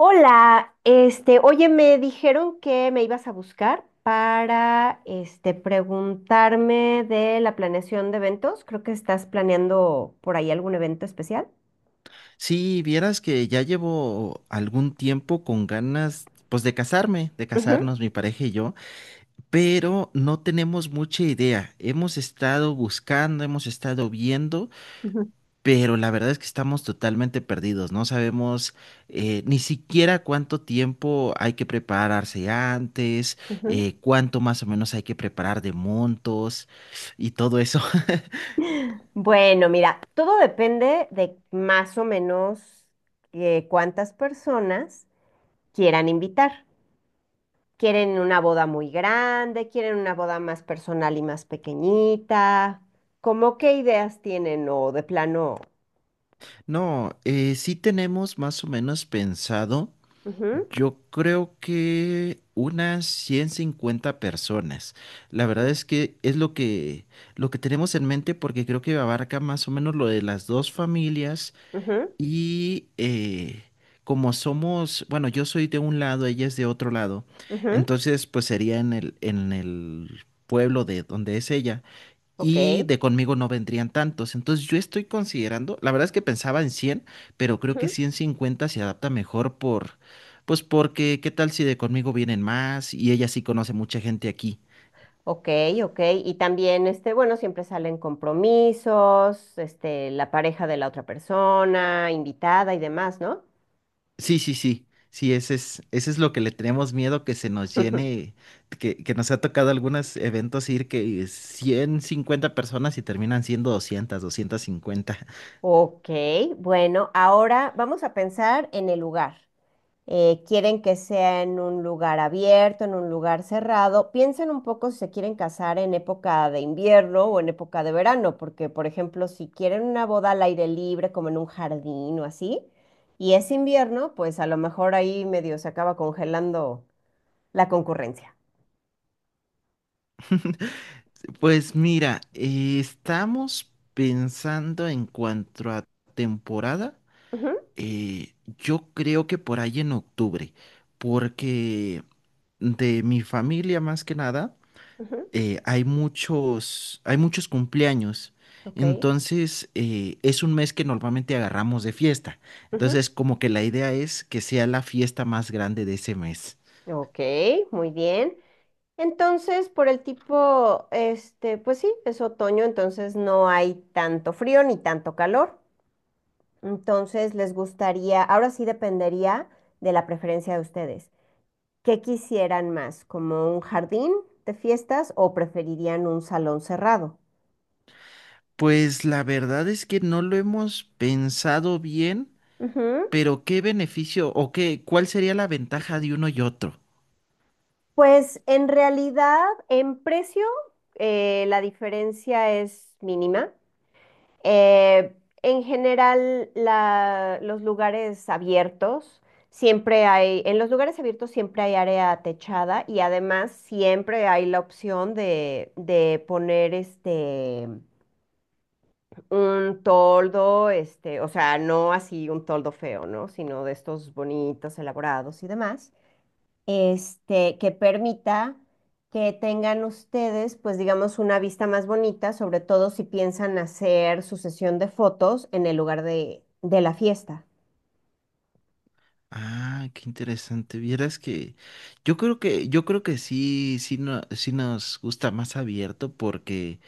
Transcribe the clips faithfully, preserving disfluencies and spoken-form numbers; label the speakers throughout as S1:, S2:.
S1: Hola, este, oye, me dijeron que me ibas a buscar para, este, preguntarme de la planeación de eventos. Creo que estás planeando por ahí algún evento especial.
S2: Sí, vieras que ya llevo algún tiempo con ganas, pues de casarme, de
S1: Ujú,
S2: casarnos mi pareja y yo, pero no tenemos mucha idea. Hemos estado buscando, hemos estado viendo,
S1: ujú,
S2: pero la verdad es que estamos totalmente perdidos. No sabemos eh, ni siquiera cuánto tiempo hay que prepararse antes,
S1: ujú.
S2: eh, cuánto más o menos hay que preparar de montos y todo eso.
S1: Bueno, mira, todo depende de más o menos eh, cuántas personas quieran invitar. ¿Quieren una boda muy grande? ¿Quieren una boda más personal y más pequeñita? ¿Cómo qué ideas tienen o de plano?
S2: No, eh, sí tenemos más o menos pensado.
S1: Ujú.
S2: Yo creo que unas ciento cincuenta personas. La verdad
S1: Sí.
S2: es que es lo que, lo que tenemos en mente porque creo que abarca más o menos lo de las dos familias
S1: Ujú,
S2: y eh, como somos, bueno, yo soy de un lado, ella es de otro lado,
S1: ujú,
S2: entonces pues sería en el, en el pueblo de donde es ella
S1: ok,
S2: y de conmigo no vendrían tantos. Entonces yo estoy considerando, la verdad es que pensaba en cien, pero creo que
S1: ujú,
S2: ciento cincuenta se adapta mejor por, pues porque, ¿qué tal si de conmigo vienen más y ella sí conoce mucha gente aquí?
S1: ok, ok. Y también, este, bueno, siempre salen compromisos, este, la pareja de la otra persona, invitada y demás, ¿no?
S2: Sí, sí, sí. Sí, ese es, ese es lo que le tenemos miedo, que se nos llene, que, que nos ha tocado algunos eventos ir que ciento cincuenta personas y terminan siendo doscientas, doscientas cincuenta.
S1: Ok, bueno, ahora vamos a pensar en el lugar. Eh, quieren que sea en un lugar abierto, en un lugar cerrado. Piensen un poco si se quieren casar en época de invierno o en época de verano, porque, por ejemplo, si quieren una boda al aire libre, como en un jardín o así, y es invierno, pues a lo mejor ahí medio se acaba congelando la concurrencia.
S2: Pues mira, eh, estamos pensando en cuanto a temporada.
S1: Ujú,
S2: Eh, yo creo que por ahí en octubre, porque de mi familia más que nada,
S1: ujú,
S2: eh, hay muchos, hay muchos cumpleaños.
S1: ok,
S2: Entonces, eh, es un mes que normalmente agarramos de fiesta.
S1: ujú,
S2: Entonces, como que la idea es que sea la fiesta más grande de ese mes.
S1: ok, muy bien. Entonces, por el tipo, este, pues sí, es otoño, entonces no hay tanto frío ni tanto calor. Entonces, les gustaría, ahora sí dependería de la preferencia de ustedes. ¿Qué quisieran más? ¿Como un jardín de fiestas o preferirían un salón cerrado?
S2: Pues la verdad es que no lo hemos pensado bien,
S1: Ujú.
S2: pero ¿qué beneficio o qué, cuál sería la ventaja de uno y otro?
S1: Pues en realidad, en precio, eh, la diferencia es mínima. Eh, en general, la- los lugares abiertos, siempre hay, en los lugares abiertos siempre hay área techada y además siempre hay la opción de, de poner este, un toldo, este, o sea, no así un toldo feo, ¿no? Sino de estos bonitos, elaborados y demás, este, que permita que tengan ustedes, pues digamos, una vista más bonita, sobre todo si piensan hacer su sesión de fotos en el lugar de, de la fiesta.
S2: Ah, qué interesante. Vieras que yo creo que yo creo que sí sí no, sí nos gusta más abierto porque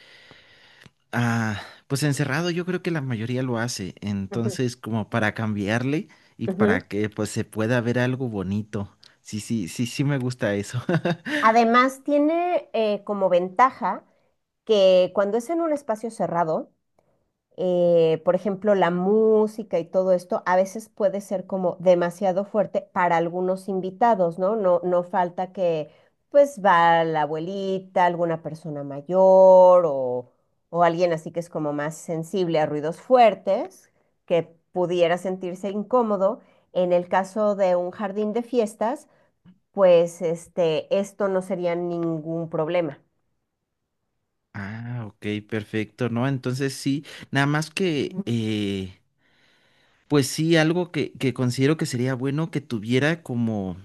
S2: ah pues encerrado yo creo que la mayoría lo hace.
S1: Ujú,
S2: Entonces, como para cambiarle y
S1: ujú.
S2: para que pues se pueda ver algo bonito. Sí, sí, sí, sí me gusta eso.
S1: Además, tiene eh, como ventaja que cuando es en un espacio cerrado, eh, por ejemplo, la música y todo esto, a veces puede ser como demasiado fuerte para algunos invitados, ¿no? No, no falta que pues va la abuelita, alguna persona mayor o, o alguien así que es como más sensible a ruidos fuertes, que pudiera sentirse incómodo. En el caso de un jardín de fiestas, pues este, esto no sería ningún problema.
S2: Ah, ok, perfecto, ¿no? Entonces sí, nada más que ujú. eh, Pues sí, algo que, que considero que sería bueno que tuviera como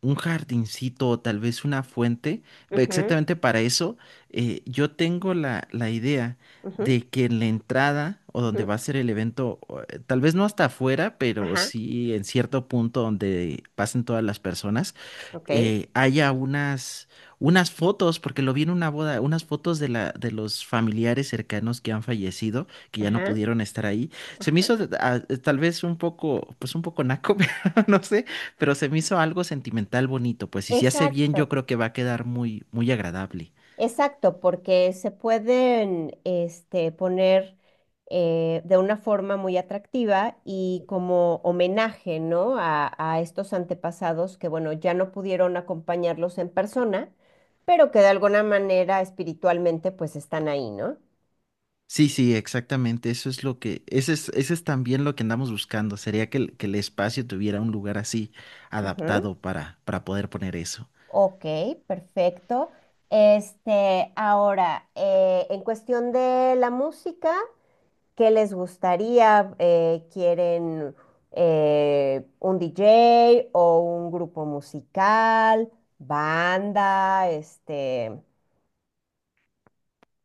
S2: un jardincito o tal vez una fuente. Ve,
S1: Ujú,
S2: exactamente para eso, eh, yo tengo la, la idea
S1: ujú,
S2: de que en la entrada o donde
S1: ujú.
S2: va a ser el evento, o, eh, tal vez no hasta afuera, pero
S1: Ajá,
S2: sí en cierto punto donde pasen todas las personas,
S1: ok.
S2: eh, haya unas, unas fotos, porque lo vi en una boda, unas fotos de la, de los familiares cercanos que han fallecido, que ya no
S1: Ajá.
S2: pudieron estar ahí. Se me hizo ah, tal vez un poco, pues un poco naco, pero no sé, pero se me hizo algo sentimental bonito, pues, y si se hace bien yo
S1: Exacto,
S2: creo que va a quedar muy, muy agradable.
S1: exacto, porque se pueden, este, poner eh, de una forma muy atractiva y como homenaje, ¿no? A, a estos antepasados que, bueno, ya no pudieron acompañarlos en persona, pero que de alguna manera espiritualmente pues están ahí, ¿no?
S2: Sí, sí, exactamente, eso es lo que, ese es, ese es también lo que andamos buscando, sería que el, que el espacio tuviera un lugar así
S1: Ujú.
S2: adaptado para, para poder poner eso.
S1: Ok, perfecto. Este, ahora, eh, en cuestión de la música. ¿Qué les gustaría? Eh, ¿quieren eh, un D J o un grupo musical, banda, este,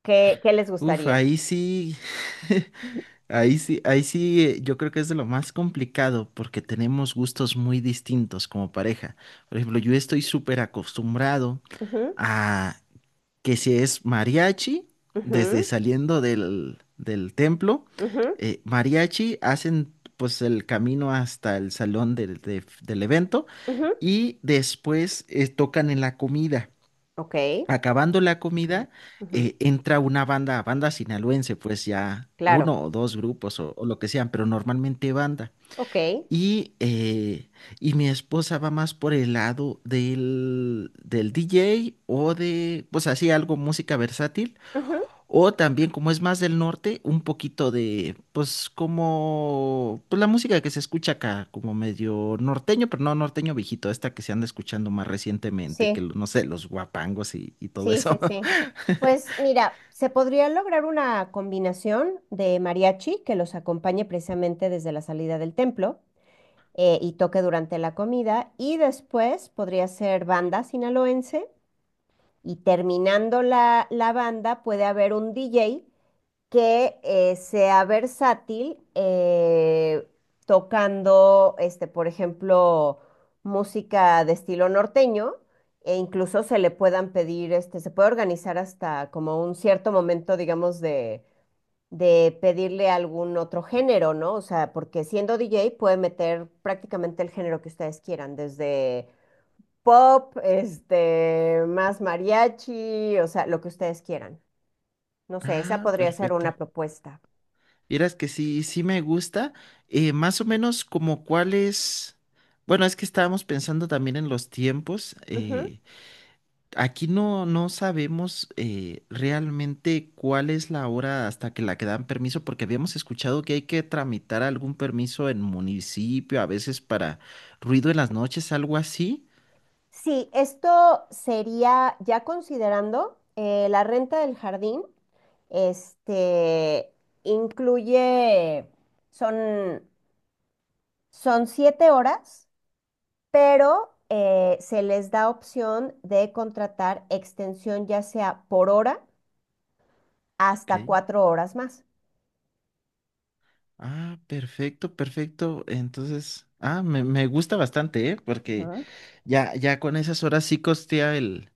S1: ¿qué, qué les
S2: Uf,
S1: gustaría?
S2: ahí sí,
S1: Ujú,
S2: ahí sí, ahí sí, eh, yo creo que es de lo más complicado porque tenemos gustos muy distintos como pareja. Por ejemplo, yo estoy súper acostumbrado a que si es mariachi, desde
S1: ujú,
S2: saliendo del, del templo,
S1: ujú,
S2: eh, mariachi hacen pues el camino hasta el salón del de- del evento
S1: ujú.
S2: y después eh, tocan en la comida.
S1: Ok,
S2: Acabando la comida,
S1: ujú,
S2: eh, entra una banda, banda sinaloense, pues ya
S1: claro,
S2: uno o dos grupos o, o lo que sean, pero normalmente banda.
S1: ok,
S2: Y, eh, y mi esposa va más por el lado del, del D J o de, pues así, algo música versátil,
S1: ujú,
S2: o también, como es más del norte, un poquito de, pues, como, pues la música que se escucha acá, como medio norteño, pero no norteño viejito, esta que se anda escuchando más recientemente, que
S1: sí,
S2: no sé, los guapangos y, y todo
S1: sí, sí,
S2: eso.
S1: sí. Pues mira, se podría lograr una combinación de mariachi que los acompañe precisamente desde la salida del templo eh, y toque durante la comida. Y después podría ser banda sinaloense. Y terminando la, la banda, puede haber un D J que, eh, sea versátil, eh, tocando, este, por ejemplo, música de estilo norteño. E incluso se le puedan pedir, este, se puede organizar hasta como un cierto momento, digamos, de, de pedirle algún otro género, ¿no? O sea, porque siendo D J puede meter prácticamente el género que ustedes quieran, desde pop, este, más mariachi, o sea, lo que ustedes quieran. No sé, esa
S2: Ah,
S1: podría ser
S2: perfecto.
S1: una propuesta.
S2: Vieras que sí, sí me gusta. Eh, más o menos como cuáles. Bueno, es que estábamos pensando también en los tiempos.
S1: Ujú.
S2: eh, Aquí no, no sabemos eh, realmente cuál es la hora hasta que la que dan permiso, porque habíamos escuchado que hay que tramitar algún permiso en municipio, a veces para ruido en las noches, algo así.
S1: Sí, esto sería ya considerando eh, la renta del jardín, este, incluye, son, son siete horas, pero eh, se les da opción de contratar extensión ya sea por hora hasta
S2: Ok.
S1: cuatro horas más.
S2: Ah, perfecto, perfecto. Entonces, ah, me, me gusta bastante, ¿eh? Porque
S1: Ujú.
S2: ya, ya con esas horas sí costea el,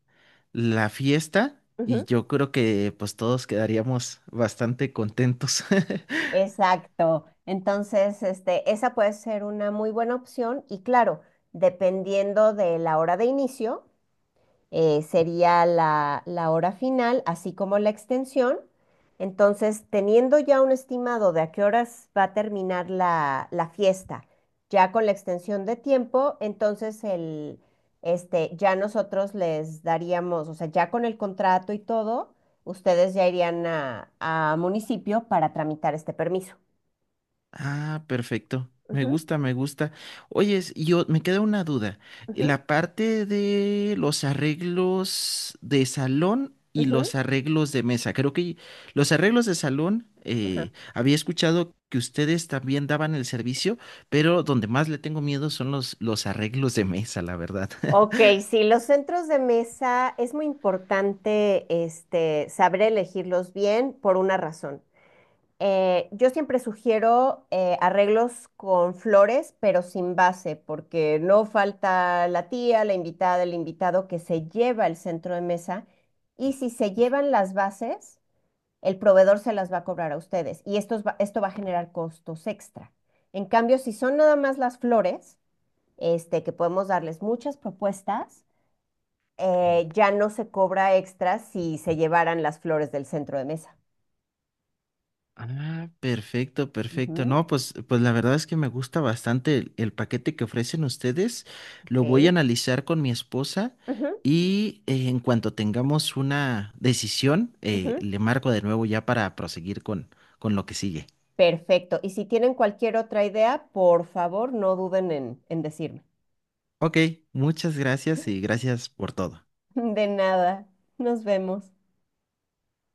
S2: la fiesta y
S1: Ujú.
S2: yo creo que pues todos quedaríamos bastante contentos.
S1: Exacto. Entonces, este, esa puede ser una muy buena opción y claro, dependiendo de la hora de inicio, eh, sería la, la hora final, así como la extensión. Entonces, teniendo ya un estimado de a qué horas va a terminar la, la fiesta, ya con la extensión de tiempo, entonces el, este, ya nosotros les daríamos, o sea, ya con el contrato y todo, ustedes ya irían a, a municipio para tramitar este permiso.
S2: Ah, perfecto. Me
S1: Ujú,
S2: gusta, me gusta. Oyes, yo me queda una duda. eh,
S1: ujú,
S2: La parte de los arreglos de salón y
S1: ujú,
S2: los arreglos de mesa. Creo que los arreglos de salón, eh,
S1: ajá.
S2: había escuchado que ustedes también daban el servicio, pero donde más le tengo miedo son los, los arreglos de mesa, la verdad.
S1: Ok, sí, los centros de mesa es muy importante, este, saber elegirlos bien por una razón. Eh, yo siempre sugiero eh, arreglos con flores, pero sin base, porque no falta la tía, la invitada, el invitado que se lleva el centro de mesa. Y si se llevan las bases, el proveedor se las va a cobrar a ustedes. Y esto, va- esto va a generar costos extra. En cambio, si son nada más las flores, este, que podemos darles muchas propuestas, eh, ya no se cobra extra si se llevaran las flores del centro de mesa.
S2: Ah, perfecto, perfecto.
S1: Ujú,
S2: No, pues, pues la verdad es que me gusta bastante el, el paquete que ofrecen ustedes. Lo voy a
S1: ok.
S2: analizar con mi esposa
S1: Ujú,
S2: y eh, en cuanto tengamos una decisión, eh,
S1: ujú.
S2: le marco de nuevo ya para proseguir con, con lo que sigue.
S1: Perfecto. Y si tienen cualquier otra idea, por favor, no duden en, en decirme.
S2: Ok, muchas gracias y gracias por todo.
S1: De nada. Nos vemos.